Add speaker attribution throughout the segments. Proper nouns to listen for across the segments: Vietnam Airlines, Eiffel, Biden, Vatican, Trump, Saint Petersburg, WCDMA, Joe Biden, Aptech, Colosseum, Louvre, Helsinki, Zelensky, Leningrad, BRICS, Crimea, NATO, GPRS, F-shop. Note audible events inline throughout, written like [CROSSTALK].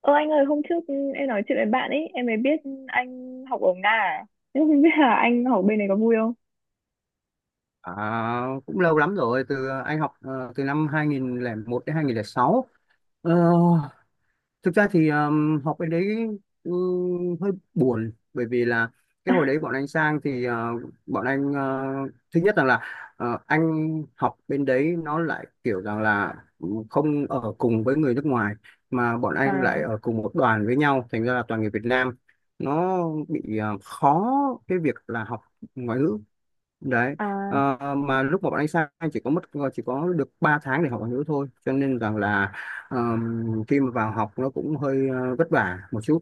Speaker 1: Ơ anh ơi, hôm trước em nói chuyện với bạn ấy, em mới biết anh học ở Nga à? Nhưng không biết là anh học bên này có vui không?
Speaker 2: À, cũng lâu lắm rồi từ anh học từ năm 2001 đến 2006. Ờ, Thực ra thì học bên đấy hơi buồn, bởi vì là cái hồi đấy bọn anh sang thì bọn anh thứ nhất rằng là anh học bên đấy nó lại kiểu rằng là không ở cùng với người nước ngoài, mà bọn anh
Speaker 1: À.
Speaker 2: lại ở cùng một đoàn với nhau, thành ra là toàn người Việt Nam. Nó bị khó cái việc là học ngoại ngữ đấy.
Speaker 1: À.
Speaker 2: Mà lúc mà bọn anh sang, anh chỉ có mất chỉ có được 3 tháng để học ngoại ngữ thôi, cho nên rằng là khi mà vào học nó cũng hơi vất vả một chút.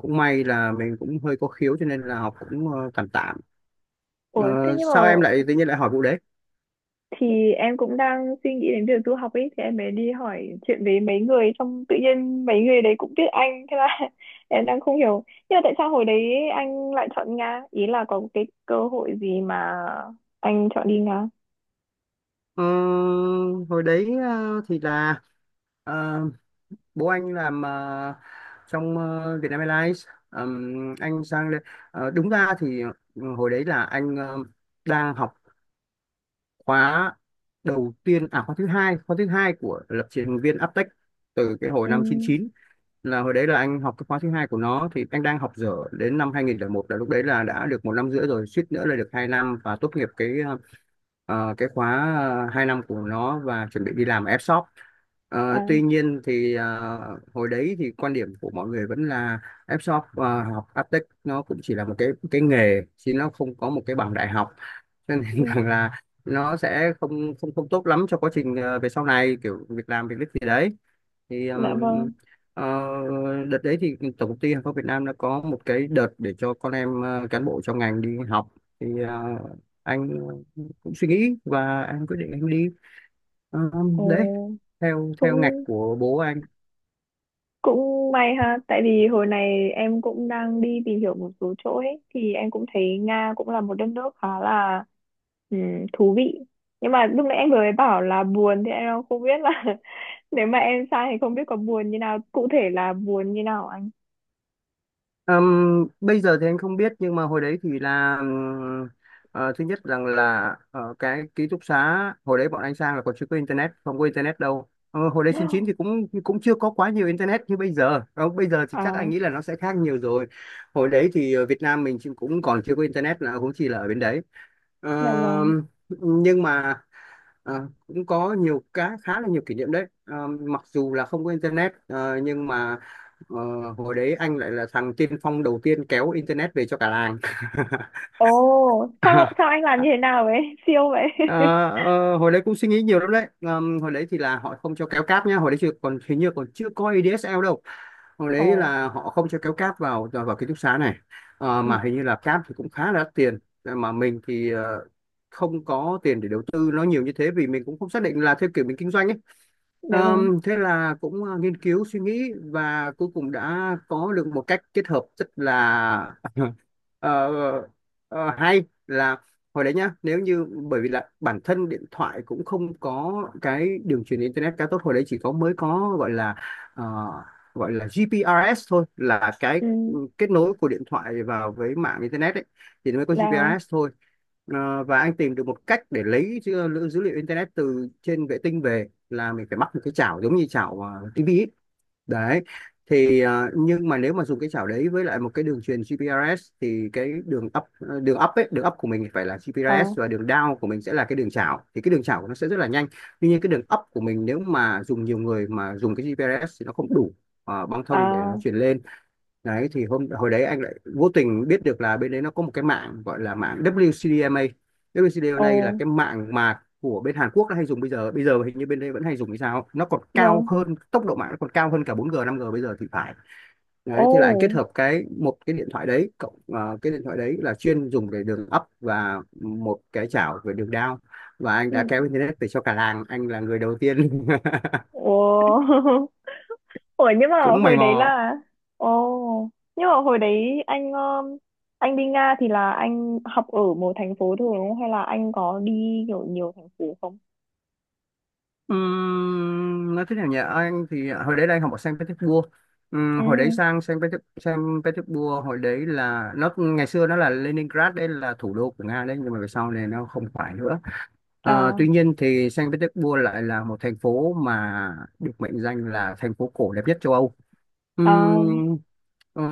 Speaker 2: Cũng may là mình cũng hơi có khiếu cho nên là học cũng tạm tạm. Ờ,
Speaker 1: Ủa. Thế nhưng mà
Speaker 2: Sao em lại tự nhiên lại hỏi vụ đấy?
Speaker 1: thì em cũng đang suy nghĩ đến việc du học ấy, thì em mới đi hỏi chuyện với mấy người, xong tự nhiên mấy người đấy cũng biết anh, thế là [LAUGHS] em đang không hiểu. Nhưng mà tại sao hồi đấy anh lại chọn Nga? Ý là có cái cơ hội gì mà anh chọn đi Nga?
Speaker 2: Ờ, Hồi đấy thì là ờ, bố anh làm trong Vietnam Airlines. Anh sang đây đúng ra thì hồi đấy là anh đang học khóa đầu tiên, à khóa thứ hai, khóa thứ hai của lập trình viên Aptech, từ cái hồi
Speaker 1: Ừ.
Speaker 2: năm 99. Là hồi đấy là anh học cái khóa thứ hai của nó, thì anh đang học dở, đến năm 2001 là lúc đấy là đã được 1 năm rưỡi rồi, suýt nữa là được 2 năm và tốt nghiệp cái cái khóa 2 năm của nó, và chuẩn bị đi làm ở F-shop.
Speaker 1: À.
Speaker 2: Tuy nhiên thì hồi đấy thì quan điểm của mọi người vẫn là F-shop, học Aptech nó cũng chỉ là một cái nghề chứ nó không có một cái bằng đại học, cho nên [LAUGHS]
Speaker 1: Ừ.
Speaker 2: rằng là nó sẽ không không không tốt lắm cho quá trình về sau này kiểu việc làm việc gì đấy. Thì
Speaker 1: Dạ vâng.
Speaker 2: ờ, đợt đấy thì tổng công ty hàng không Việt Nam đã có một cái đợt để cho con em cán bộ trong ngành đi học. Thì anh cũng suy nghĩ và anh quyết định anh đi. Ờ,
Speaker 1: Ồ,
Speaker 2: Đấy, theo theo ngạch
Speaker 1: cũng
Speaker 2: của bố anh.
Speaker 1: Cũng may ha, tại vì hồi này em cũng đang đi tìm hiểu một số chỗ ấy, thì em cũng thấy Nga cũng là một đất nước khá là ừm, thú vị. Nhưng mà lúc nãy anh vừa mới bảo là buồn thì em không biết là, [LAUGHS] nếu mà em sang thì không biết có buồn như nào, cụ thể là buồn như nào anh.
Speaker 2: Bây giờ thì anh không biết, nhưng mà hồi đấy thì là thứ nhất rằng là cái ký túc xá hồi đấy bọn anh sang là còn chưa có internet, không có internet đâu. Hồi đấy 99 thì
Speaker 1: [GASPS]
Speaker 2: cũng cũng chưa có quá nhiều internet như bây giờ. Ờ, Bây giờ thì chắc
Speaker 1: À.
Speaker 2: anh nghĩ là nó sẽ khác nhiều rồi. Hồi đấy thì Việt Nam mình cũng còn chưa có internet, là cũng chỉ là ở bên đấy. Ờ,
Speaker 1: Dạ vâng.
Speaker 2: nhưng mà cũng có nhiều cá khá là nhiều kỷ niệm đấy. Ờ, Mặc dù là không có internet, nhưng mà ờ, hồi đấy anh lại là thằng tiên phong đầu tiên kéo internet về cho cả làng.
Speaker 1: Ồ, sao sao anh làm như
Speaker 2: [LAUGHS]
Speaker 1: thế nào vậy? [LAUGHS] Siêu vậy.
Speaker 2: Ờ,
Speaker 1: [LAUGHS]
Speaker 2: Hồi đấy cũng suy nghĩ nhiều lắm đấy. Hồi đấy thì là họ không cho kéo cáp nhá, hồi đấy chưa còn, hình như còn chưa có ADSL đâu. Hồi đấy
Speaker 1: Ồ.
Speaker 2: là họ không cho kéo cáp vào vào vào ký túc xá này.
Speaker 1: Ừ.
Speaker 2: Mà hình như là cáp thì cũng khá là đắt tiền. Ờ, mà mình thì không có tiền để đầu tư nó nhiều như thế, vì mình cũng không xác định là theo kiểu mình kinh doanh ấy.
Speaker 1: Dạ vâng.
Speaker 2: Thế là cũng nghiên cứu suy nghĩ và cuối cùng đã có được một cách kết hợp rất là [LAUGHS] ờ, hay. Là hồi đấy nhá, nếu như, bởi vì là bản thân điện thoại cũng không có cái đường truyền internet khá tốt, hồi đấy chỉ có mới có gọi là ờ, gọi là GPRS thôi, là cái
Speaker 1: Ừ.
Speaker 2: ừ, kết nối của điện thoại vào với mạng internet ấy, thì nó mới có
Speaker 1: Là.
Speaker 2: GPRS thôi. Và anh tìm được một cách để lấy dữ liệu internet từ trên vệ tinh về, là mình phải mắc một cái chảo giống như chảo tivi ấy. Đấy, thì nhưng mà nếu mà dùng cái chảo đấy với lại một cái đường truyền GPRS thì cái đường up, đường up ấy, đường up của mình phải là
Speaker 1: Ờ.
Speaker 2: GPRS và đường down của mình sẽ là cái đường chảo, thì cái đường chảo của nó sẽ rất là nhanh. Tuy nhiên cái đường up của mình nếu mà dùng nhiều người mà dùng cái GPRS thì nó không đủ băng thông để
Speaker 1: À.
Speaker 2: nó truyền lên. Đấy, thì hồi đấy anh lại vô tình biết được là bên đấy nó có một cái mạng gọi là mạng WCDMA.
Speaker 1: Ồ.
Speaker 2: WCDMA là cái mạng mà của bên Hàn Quốc nó hay dùng. Bây giờ hình như bên đây vẫn hay dùng hay sao, nó còn cao
Speaker 1: Vâng.
Speaker 2: hơn, tốc độ mạng nó còn cao hơn cả 4G 5G bây giờ thì phải.
Speaker 1: Ồ.
Speaker 2: Đấy thế là anh kết hợp một cái điện thoại đấy cộng cái điện thoại đấy là chuyên dùng để đường up và một cái chảo về đường down, và anh
Speaker 1: Ừ.
Speaker 2: đã kéo internet về cho cả làng, anh là người đầu tiên.
Speaker 1: Ủa. [LAUGHS] Ủa, nhưng
Speaker 2: [LAUGHS]
Speaker 1: mà
Speaker 2: Cũng mày
Speaker 1: hồi đấy
Speaker 2: mò.
Speaker 1: là. Ồ, nhưng mà hồi đấy anh um, anh đi Nga thì là anh học ở một thành phố thôi đúng không? Hay là anh có đi kiểu nhiều thành phố không?
Speaker 2: Nói thế nào nhỉ, anh thì hồi đấy là anh học ở Saint Petersburg.
Speaker 1: Ừ.
Speaker 2: Hồi đấy sang Saint Petersburg, hồi đấy là nó, ngày xưa nó là Leningrad, đây là thủ đô của Nga đấy, nhưng mà về sau này nó không phải nữa.
Speaker 1: À.
Speaker 2: Tuy nhiên thì Saint Petersburg lại là một thành phố mà được mệnh danh là thành phố cổ đẹp nhất châu Âu.
Speaker 1: À.
Speaker 2: Ừm, ờ,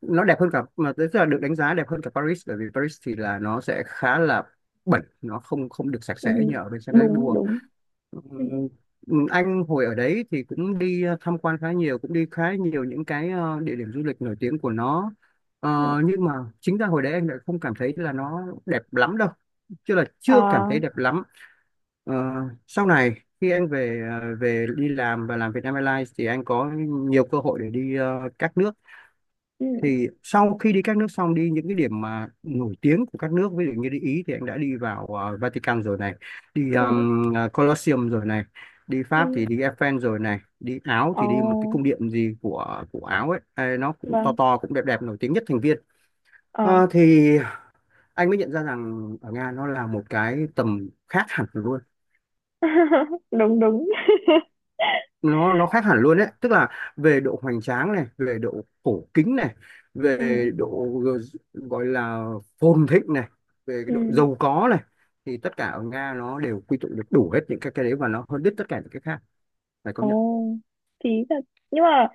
Speaker 2: nó đẹp hơn cả, mà tức là được đánh giá đẹp hơn cả Paris, bởi vì Paris thì là nó sẽ khá là bẩn, nó không không được sạch
Speaker 1: Ừ.
Speaker 2: sẽ như ở bên Saint
Speaker 1: Đúng,
Speaker 2: Petersburg.
Speaker 1: đúng. Ừ.
Speaker 2: Anh hồi ở đấy thì cũng đi tham quan khá nhiều, cũng đi khá nhiều những cái địa điểm du lịch nổi tiếng của nó. Ờ,
Speaker 1: Ừ.
Speaker 2: nhưng mà chính ra hồi đấy anh lại không cảm thấy là nó đẹp lắm đâu, chứ là chưa cảm
Speaker 1: À.
Speaker 2: thấy đẹp lắm. Ờ, Sau này khi anh về, ờ, về đi làm và làm Vietnam Airlines thì anh có nhiều cơ hội để đi các nước.
Speaker 1: Ừ.
Speaker 2: Thì sau khi đi các nước xong, đi những cái điểm mà nổi tiếng của các nước, ví dụ như đi Ý thì anh đã đi vào Vatican rồi này, đi
Speaker 1: Ừ.
Speaker 2: Colosseum rồi này, đi
Speaker 1: Ừ.
Speaker 2: Pháp thì đi Eiffel rồi này, đi Áo thì đi một cái
Speaker 1: Ồ.
Speaker 2: cung điện gì của Áo ấy. Ê, nó cũng to
Speaker 1: Vâng.
Speaker 2: to cũng đẹp đẹp, nổi tiếng nhất thành viên.
Speaker 1: À.
Speaker 2: Thì anh mới nhận ra rằng ở Nga nó là một cái tầm khác hẳn luôn,
Speaker 1: [LAUGHS] Đúng, đúng. [LAUGHS]
Speaker 2: nó khác hẳn luôn đấy, tức là về độ hoành tráng này, về độ cổ kính này,
Speaker 1: Ừ.
Speaker 2: về độ gọi là phồn thịnh này, về cái
Speaker 1: Ừ.
Speaker 2: độ giàu có này, thì tất cả ở Nga nó đều quy tụ được đủ hết những cái đấy, và nó hơn đứt tất cả những cái khác, phải
Speaker 1: Ồ,
Speaker 2: công nhận.
Speaker 1: phí thật. Nhưng mà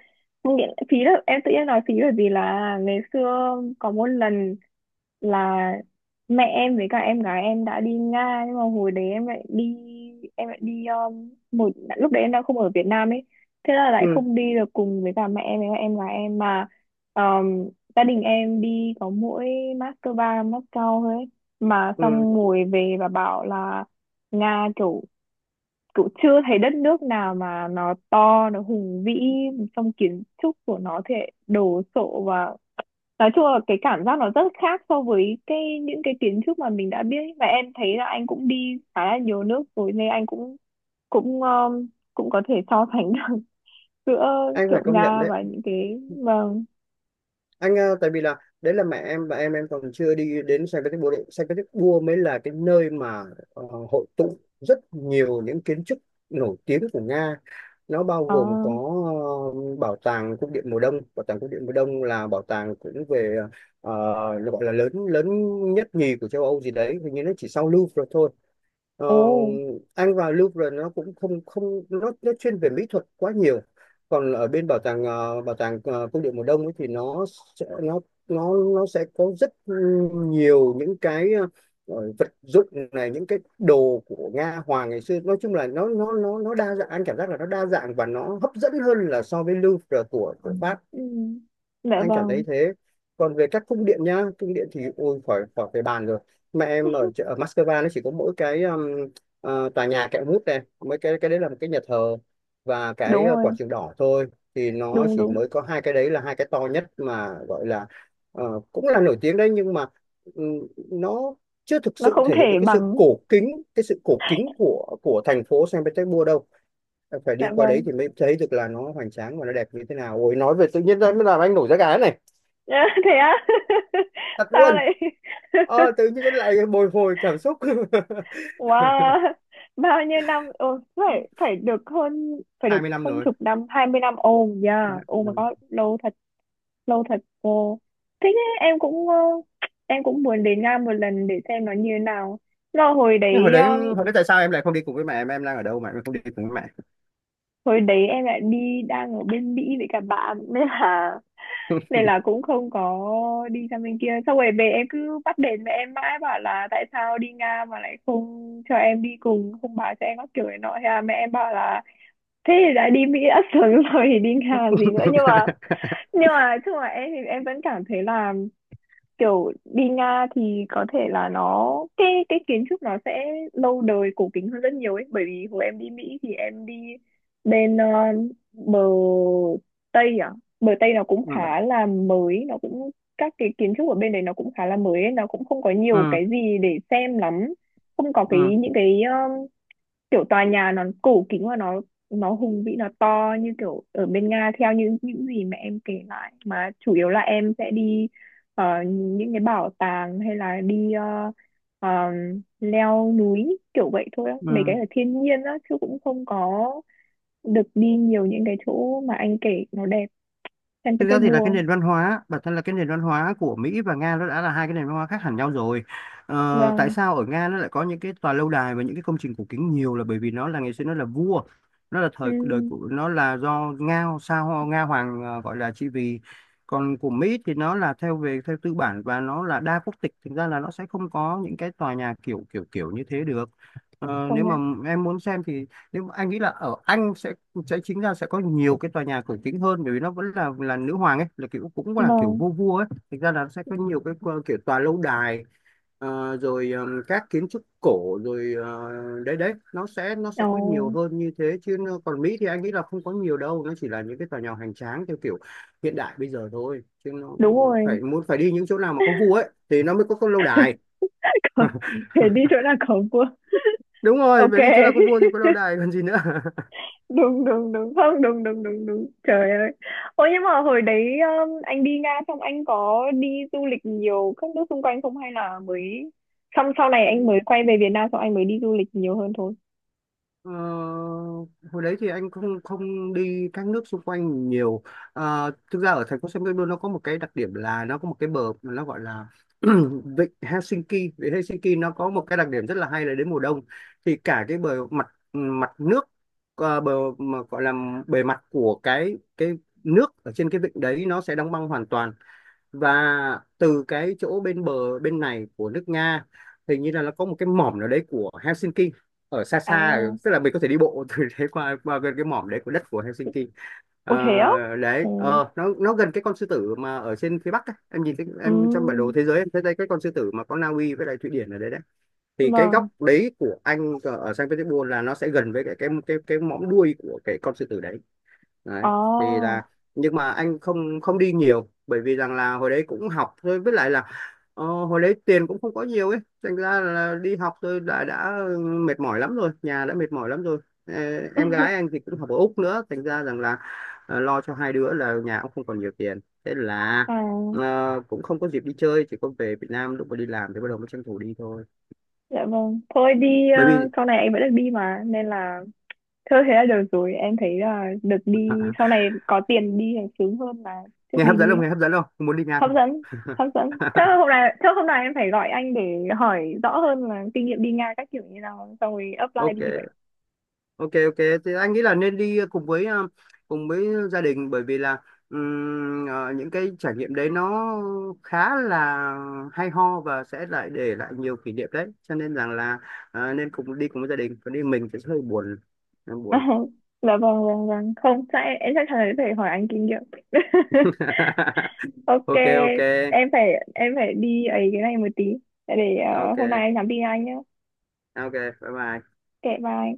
Speaker 1: không nghĩa, phí là em tự nhiên nói phí bởi vì là ngày xưa có một lần là mẹ em với cả em gái em đã đi Nga, nhưng mà hồi đấy em lại đi, một lúc đấy em đang không ở Việt Nam ấy, thế là lại
Speaker 2: Ừ,
Speaker 1: không đi được cùng với cả mẹ em với cả em gái em, mà um, gia đình em đi có mỗi Moscow, Moscow thôi ấy. Mà xong
Speaker 2: ừ,
Speaker 1: ngồi về và bảo là Nga kiểu cũng chưa thấy đất nước nào mà nó to, nó hùng vĩ, trong kiến trúc của nó thì lại đồ sộ, và nói chung là cái cảm giác nó rất khác so với cái những cái kiến trúc mà mình đã biết, và em thấy là anh cũng đi khá là nhiều nước rồi nên anh cũng cũng cũng có thể so sánh được [LAUGHS] giữa
Speaker 2: anh phải
Speaker 1: kiểu
Speaker 2: công nhận
Speaker 1: Nga
Speaker 2: đấy.
Speaker 1: và những cái. Vâng.
Speaker 2: Anh tại vì là đấy là mẹ em và em còn chưa đi đến Saint Petersburg. Saint Petersburg mới là cái nơi mà ờ, hội tụ rất nhiều những kiến trúc nổi tiếng của Nga. Nó bao
Speaker 1: À.
Speaker 2: gồm có ờ, bảo tàng cung điện mùa đông. Bảo tàng cung điện mùa đông là bảo tàng cũng về ờ, nó gọi là lớn lớn nhất nhì của châu Âu gì đấy, hình như nó chỉ sau Louvre thôi. Ờ,
Speaker 1: Ồ.
Speaker 2: anh vào Louvre nó cũng không không, nó chuyên về mỹ thuật quá nhiều. Còn ở bên bảo tàng, cung điện mùa đông ấy thì sẽ nó nó sẽ có rất nhiều những cái vật dụng này, những cái đồ của Nga hoàng ngày xưa. Nói chung là nó đa dạng, anh cảm giác là nó đa dạng và nó hấp dẫn hơn là so với Louvre của Pháp,
Speaker 1: Ừ. Dạ
Speaker 2: anh cảm thấy
Speaker 1: vâng.
Speaker 2: thế. Còn về các cung điện nhá, cung điện thì ôi khỏi khỏi phải bàn rồi. Mẹ em
Speaker 1: [LAUGHS]
Speaker 2: ở Moscow nó chỉ có mỗi cái tòa nhà kẹo mút này, mấy cái đấy là một cái nhà thờ, và cái
Speaker 1: Đúng
Speaker 2: quảng
Speaker 1: rồi,
Speaker 2: trường đỏ thôi. Thì nó
Speaker 1: đúng
Speaker 2: chỉ
Speaker 1: đúng,
Speaker 2: mới có hai cái đấy, là hai cái to nhất, mà gọi là cũng là nổi tiếng đấy, nhưng mà nó chưa thực
Speaker 1: nó
Speaker 2: sự
Speaker 1: không
Speaker 2: thể hiện được
Speaker 1: thể
Speaker 2: cái sự
Speaker 1: bằng.
Speaker 2: cổ kính, cái sự cổ kính của thành phố Saint Petersburg đâu. Em phải đi
Speaker 1: Dạ
Speaker 2: qua đấy
Speaker 1: vâng.
Speaker 2: thì mới thấy được là nó hoành tráng và nó đẹp như thế nào. Ôi, nói về tự nhiên ra mới làm anh nổi da gà này,
Speaker 1: Nhá, thế á. [LAUGHS]
Speaker 2: thật
Speaker 1: Sao
Speaker 2: luôn.
Speaker 1: lại. [LAUGHS]
Speaker 2: Tự nhiên lại bồi hồi cảm xúc. [LAUGHS]
Speaker 1: Wow, bao nhiêu năm. Ồ, phải phải được hơn, phải được
Speaker 2: 20 năm
Speaker 1: hơn
Speaker 2: rồi.
Speaker 1: chục năm, 20 năm. Ồ, yeah, oh my god, lâu thật, lâu thật. Cô, thế nhá, em cũng muốn đến Nga một lần để xem nó như thế nào. Là hồi
Speaker 2: Nhưng hồi
Speaker 1: đấy
Speaker 2: đấy,
Speaker 1: ờ,
Speaker 2: hồi đấy, tại sao em lại không đi cùng với mẹ? Em đang ở đâu mà em không đi cùng với mẹ?
Speaker 1: hồi đấy em lại đi đang ở bên Mỹ với cả bạn, nên là cũng không có đi sang bên kia, xong rồi về em cứ bắt đền mẹ em mãi, bảo là tại sao đi Nga mà lại không cho em đi cùng, không báo cho em các kiểu này nọ, thế là mẹ em bảo là thế thì đã đi Mỹ đã sướng [LAUGHS] rồi thì đi Nga làm gì nữa. nhưng mà
Speaker 2: [LAUGHS]
Speaker 1: nhưng mà chung là em thì em vẫn cảm thấy là kiểu đi Nga thì có thể là nó, cái kiến trúc nó sẽ lâu đời cổ kính hơn rất nhiều ấy, bởi vì hồi em đi Mỹ thì em đi bên ờ, bờ Tây à, bờ Tây nó cũng
Speaker 2: Ừ.
Speaker 1: khá là mới, nó cũng, các cái kiến trúc ở bên đấy nó cũng khá là mới ấy, nó cũng không có nhiều
Speaker 2: Ừ.
Speaker 1: cái gì để xem lắm, không có
Speaker 2: Ừ.
Speaker 1: cái những cái kiểu tòa nhà nó cổ kính và nó hùng vĩ, nó to như kiểu ở bên Nga theo như những gì mà em kể lại. Mà chủ yếu là em sẽ đi những cái bảo tàng, hay là đi ờ, leo núi kiểu vậy thôi á, mấy cái
Speaker 2: Ừ.
Speaker 1: ở thiên nhiên á, chứ cũng không có được đi nhiều những cái chỗ mà anh kể nó đẹp. San
Speaker 2: Thực ra thì là cái
Speaker 1: Petersburg.
Speaker 2: nền văn hóa, bản thân là cái nền văn hóa của Mỹ và Nga nó đã là hai cái nền văn hóa khác hẳn nhau rồi. Ờ, tại
Speaker 1: Vâng.
Speaker 2: sao ở Nga nó lại có những cái tòa lâu đài và những cái công trình cổ kính nhiều là bởi vì nó là ngày xưa nó là vua, nó là
Speaker 1: Ừ,
Speaker 2: thời đời của nó là do Nga sao Nga hoàng gọi là trị vì. Còn của Mỹ thì nó là theo về theo tư bản và nó là đa quốc tịch, thực ra là nó sẽ không có những cái tòa nhà kiểu kiểu kiểu như thế được. Ờ,
Speaker 1: công
Speaker 2: nếu mà
Speaker 1: nhận.
Speaker 2: em muốn xem thì, nếu mà anh nghĩ là ở Anh sẽ chính ra sẽ có nhiều cái tòa nhà cổ kính hơn bởi vì nó vẫn là nữ hoàng ấy, là kiểu cũng là kiểu
Speaker 1: Vâng.
Speaker 2: vua vua ấy, thực ra là sẽ có nhiều cái kiểu tòa lâu đài, rồi các kiến trúc cổ rồi đấy đấy, nó sẽ có
Speaker 1: Ồ,
Speaker 2: nhiều hơn như thế chứ còn Mỹ thì anh nghĩ là không có nhiều đâu, nó chỉ là những cái tòa nhà hoành tráng theo kiểu hiện đại bây giờ thôi, chứ nó
Speaker 1: đúng rồi.
Speaker 2: phải muốn phải đi những chỗ nào mà có vua ấy thì nó mới có lâu đài.
Speaker 1: [LAUGHS] Thế đi chỗ nào có vua?
Speaker 2: Đúng rồi,
Speaker 1: OK.
Speaker 2: phải đi chỗ nào có vua thì có lâu đài còn gì nữa. [LAUGHS]
Speaker 1: Đúng đúng đúng, không, đúng đúng đúng đúng, trời ơi. Ôi nhưng mà hồi đấy, anh đi Nga xong anh có đi du lịch nhiều các nước xung quanh không, hay là mới xong sau này anh mới quay về Việt Nam xong anh mới đi du lịch nhiều hơn thôi?
Speaker 2: Ờ, hồi đấy thì anh không không đi các nước xung quanh nhiều. Ờ, thực ra ở thành phố San Pedro nó có một cái đặc điểm là nó có một cái bờ mà nó gọi là [CLEARS THROAT] vịnh Helsinki. Vịnh Helsinki nó có một cái đặc điểm rất là hay là đến mùa đông thì cả cái bờ mặt, mặt nước, ờ, bờ mà gọi là bề mặt của cái nước ở trên cái vịnh đấy nó sẽ đóng băng hoàn toàn, và từ cái chỗ bên bờ bên này của nước Nga, hình như là nó có một cái mỏm nào đấy của Helsinki ở xa
Speaker 1: À.
Speaker 2: xa tức là mình có thể đi bộ [LAUGHS] từ đấy qua qua gần cái mỏm đấy của đất của Helsinki.
Speaker 1: Ồ, thế á.
Speaker 2: Ờ, đấy,
Speaker 1: Ừ.
Speaker 2: nó gần cái con sư tử mà ở trên phía Bắc ấy. Em nhìn thấy em trong bản đồ
Speaker 1: Ừ.
Speaker 2: thế giới, em thấy đây cái con sư tử mà có Na Uy với lại Thụy Điển ở đấy đấy, thì cái
Speaker 1: Vâng.
Speaker 2: góc đấy của anh ở ở Saint Petersburg là nó sẽ gần với cái mõm đuôi của cái con sư tử đấy. Đấy, thì
Speaker 1: À.
Speaker 2: là, nhưng mà anh không không đi nhiều bởi vì rằng là hồi đấy cũng học thôi, với lại là hồi đấy tiền cũng không có nhiều ấy, thành ra là đi học thôi đã mệt mỏi lắm rồi, nhà đã mệt mỏi lắm rồi. Ờ, em gái
Speaker 1: [LAUGHS]
Speaker 2: anh thì cũng học ở Úc nữa thành ra rằng là lo cho hai đứa là nhà cũng không còn nhiều tiền, thế là
Speaker 1: À.
Speaker 2: cũng không có dịp đi chơi, chỉ có về Việt Nam lúc mà đi làm thì bắt đầu mới tranh thủ đi thôi,
Speaker 1: Dạ vâng, thôi đi,
Speaker 2: bởi vì
Speaker 1: sau này anh vẫn được đi mà nên là, thôi thế là được rồi, em thấy là được đi sau này có tiền đi thì sướng hơn là trước
Speaker 2: nghe
Speaker 1: đi
Speaker 2: hấp dẫn
Speaker 1: đi
Speaker 2: không,
Speaker 1: ấy.
Speaker 2: nghe hấp dẫn không, muốn đi Nga
Speaker 1: Hấp
Speaker 2: không?
Speaker 1: dẫn, hấp dẫn, chắc hôm nay em phải gọi anh để hỏi rõ hơn là kinh nghiệm đi Nga các kiểu như nào, xong rồi
Speaker 2: [LAUGHS] Ok.
Speaker 1: apply đi vậy.
Speaker 2: Ok, ok. Thì anh nghĩ là nên đi cùng với cùng với gia đình, bởi vì là những cái trải nghiệm đấy nó khá là hay ho và sẽ lại để lại nhiều kỷ niệm đấy, cho nên rằng là nên cùng đi cùng với gia đình, còn đi mình thì sẽ hơi buồn, hơi buồn.
Speaker 1: [LAUGHS] Dạ vâng vâng vâng, không chắc em chắc chắn là phải hỏi anh kinh nghiệm. [LAUGHS]
Speaker 2: [LAUGHS]
Speaker 1: OK.
Speaker 2: Ok. Ok,
Speaker 1: Em phải em phải đi ấy, cái này một tí, để hôm nay
Speaker 2: ok.
Speaker 1: em nhắn tin anh nhé.
Speaker 2: Ok, bye bye.
Speaker 1: Kệ, bye.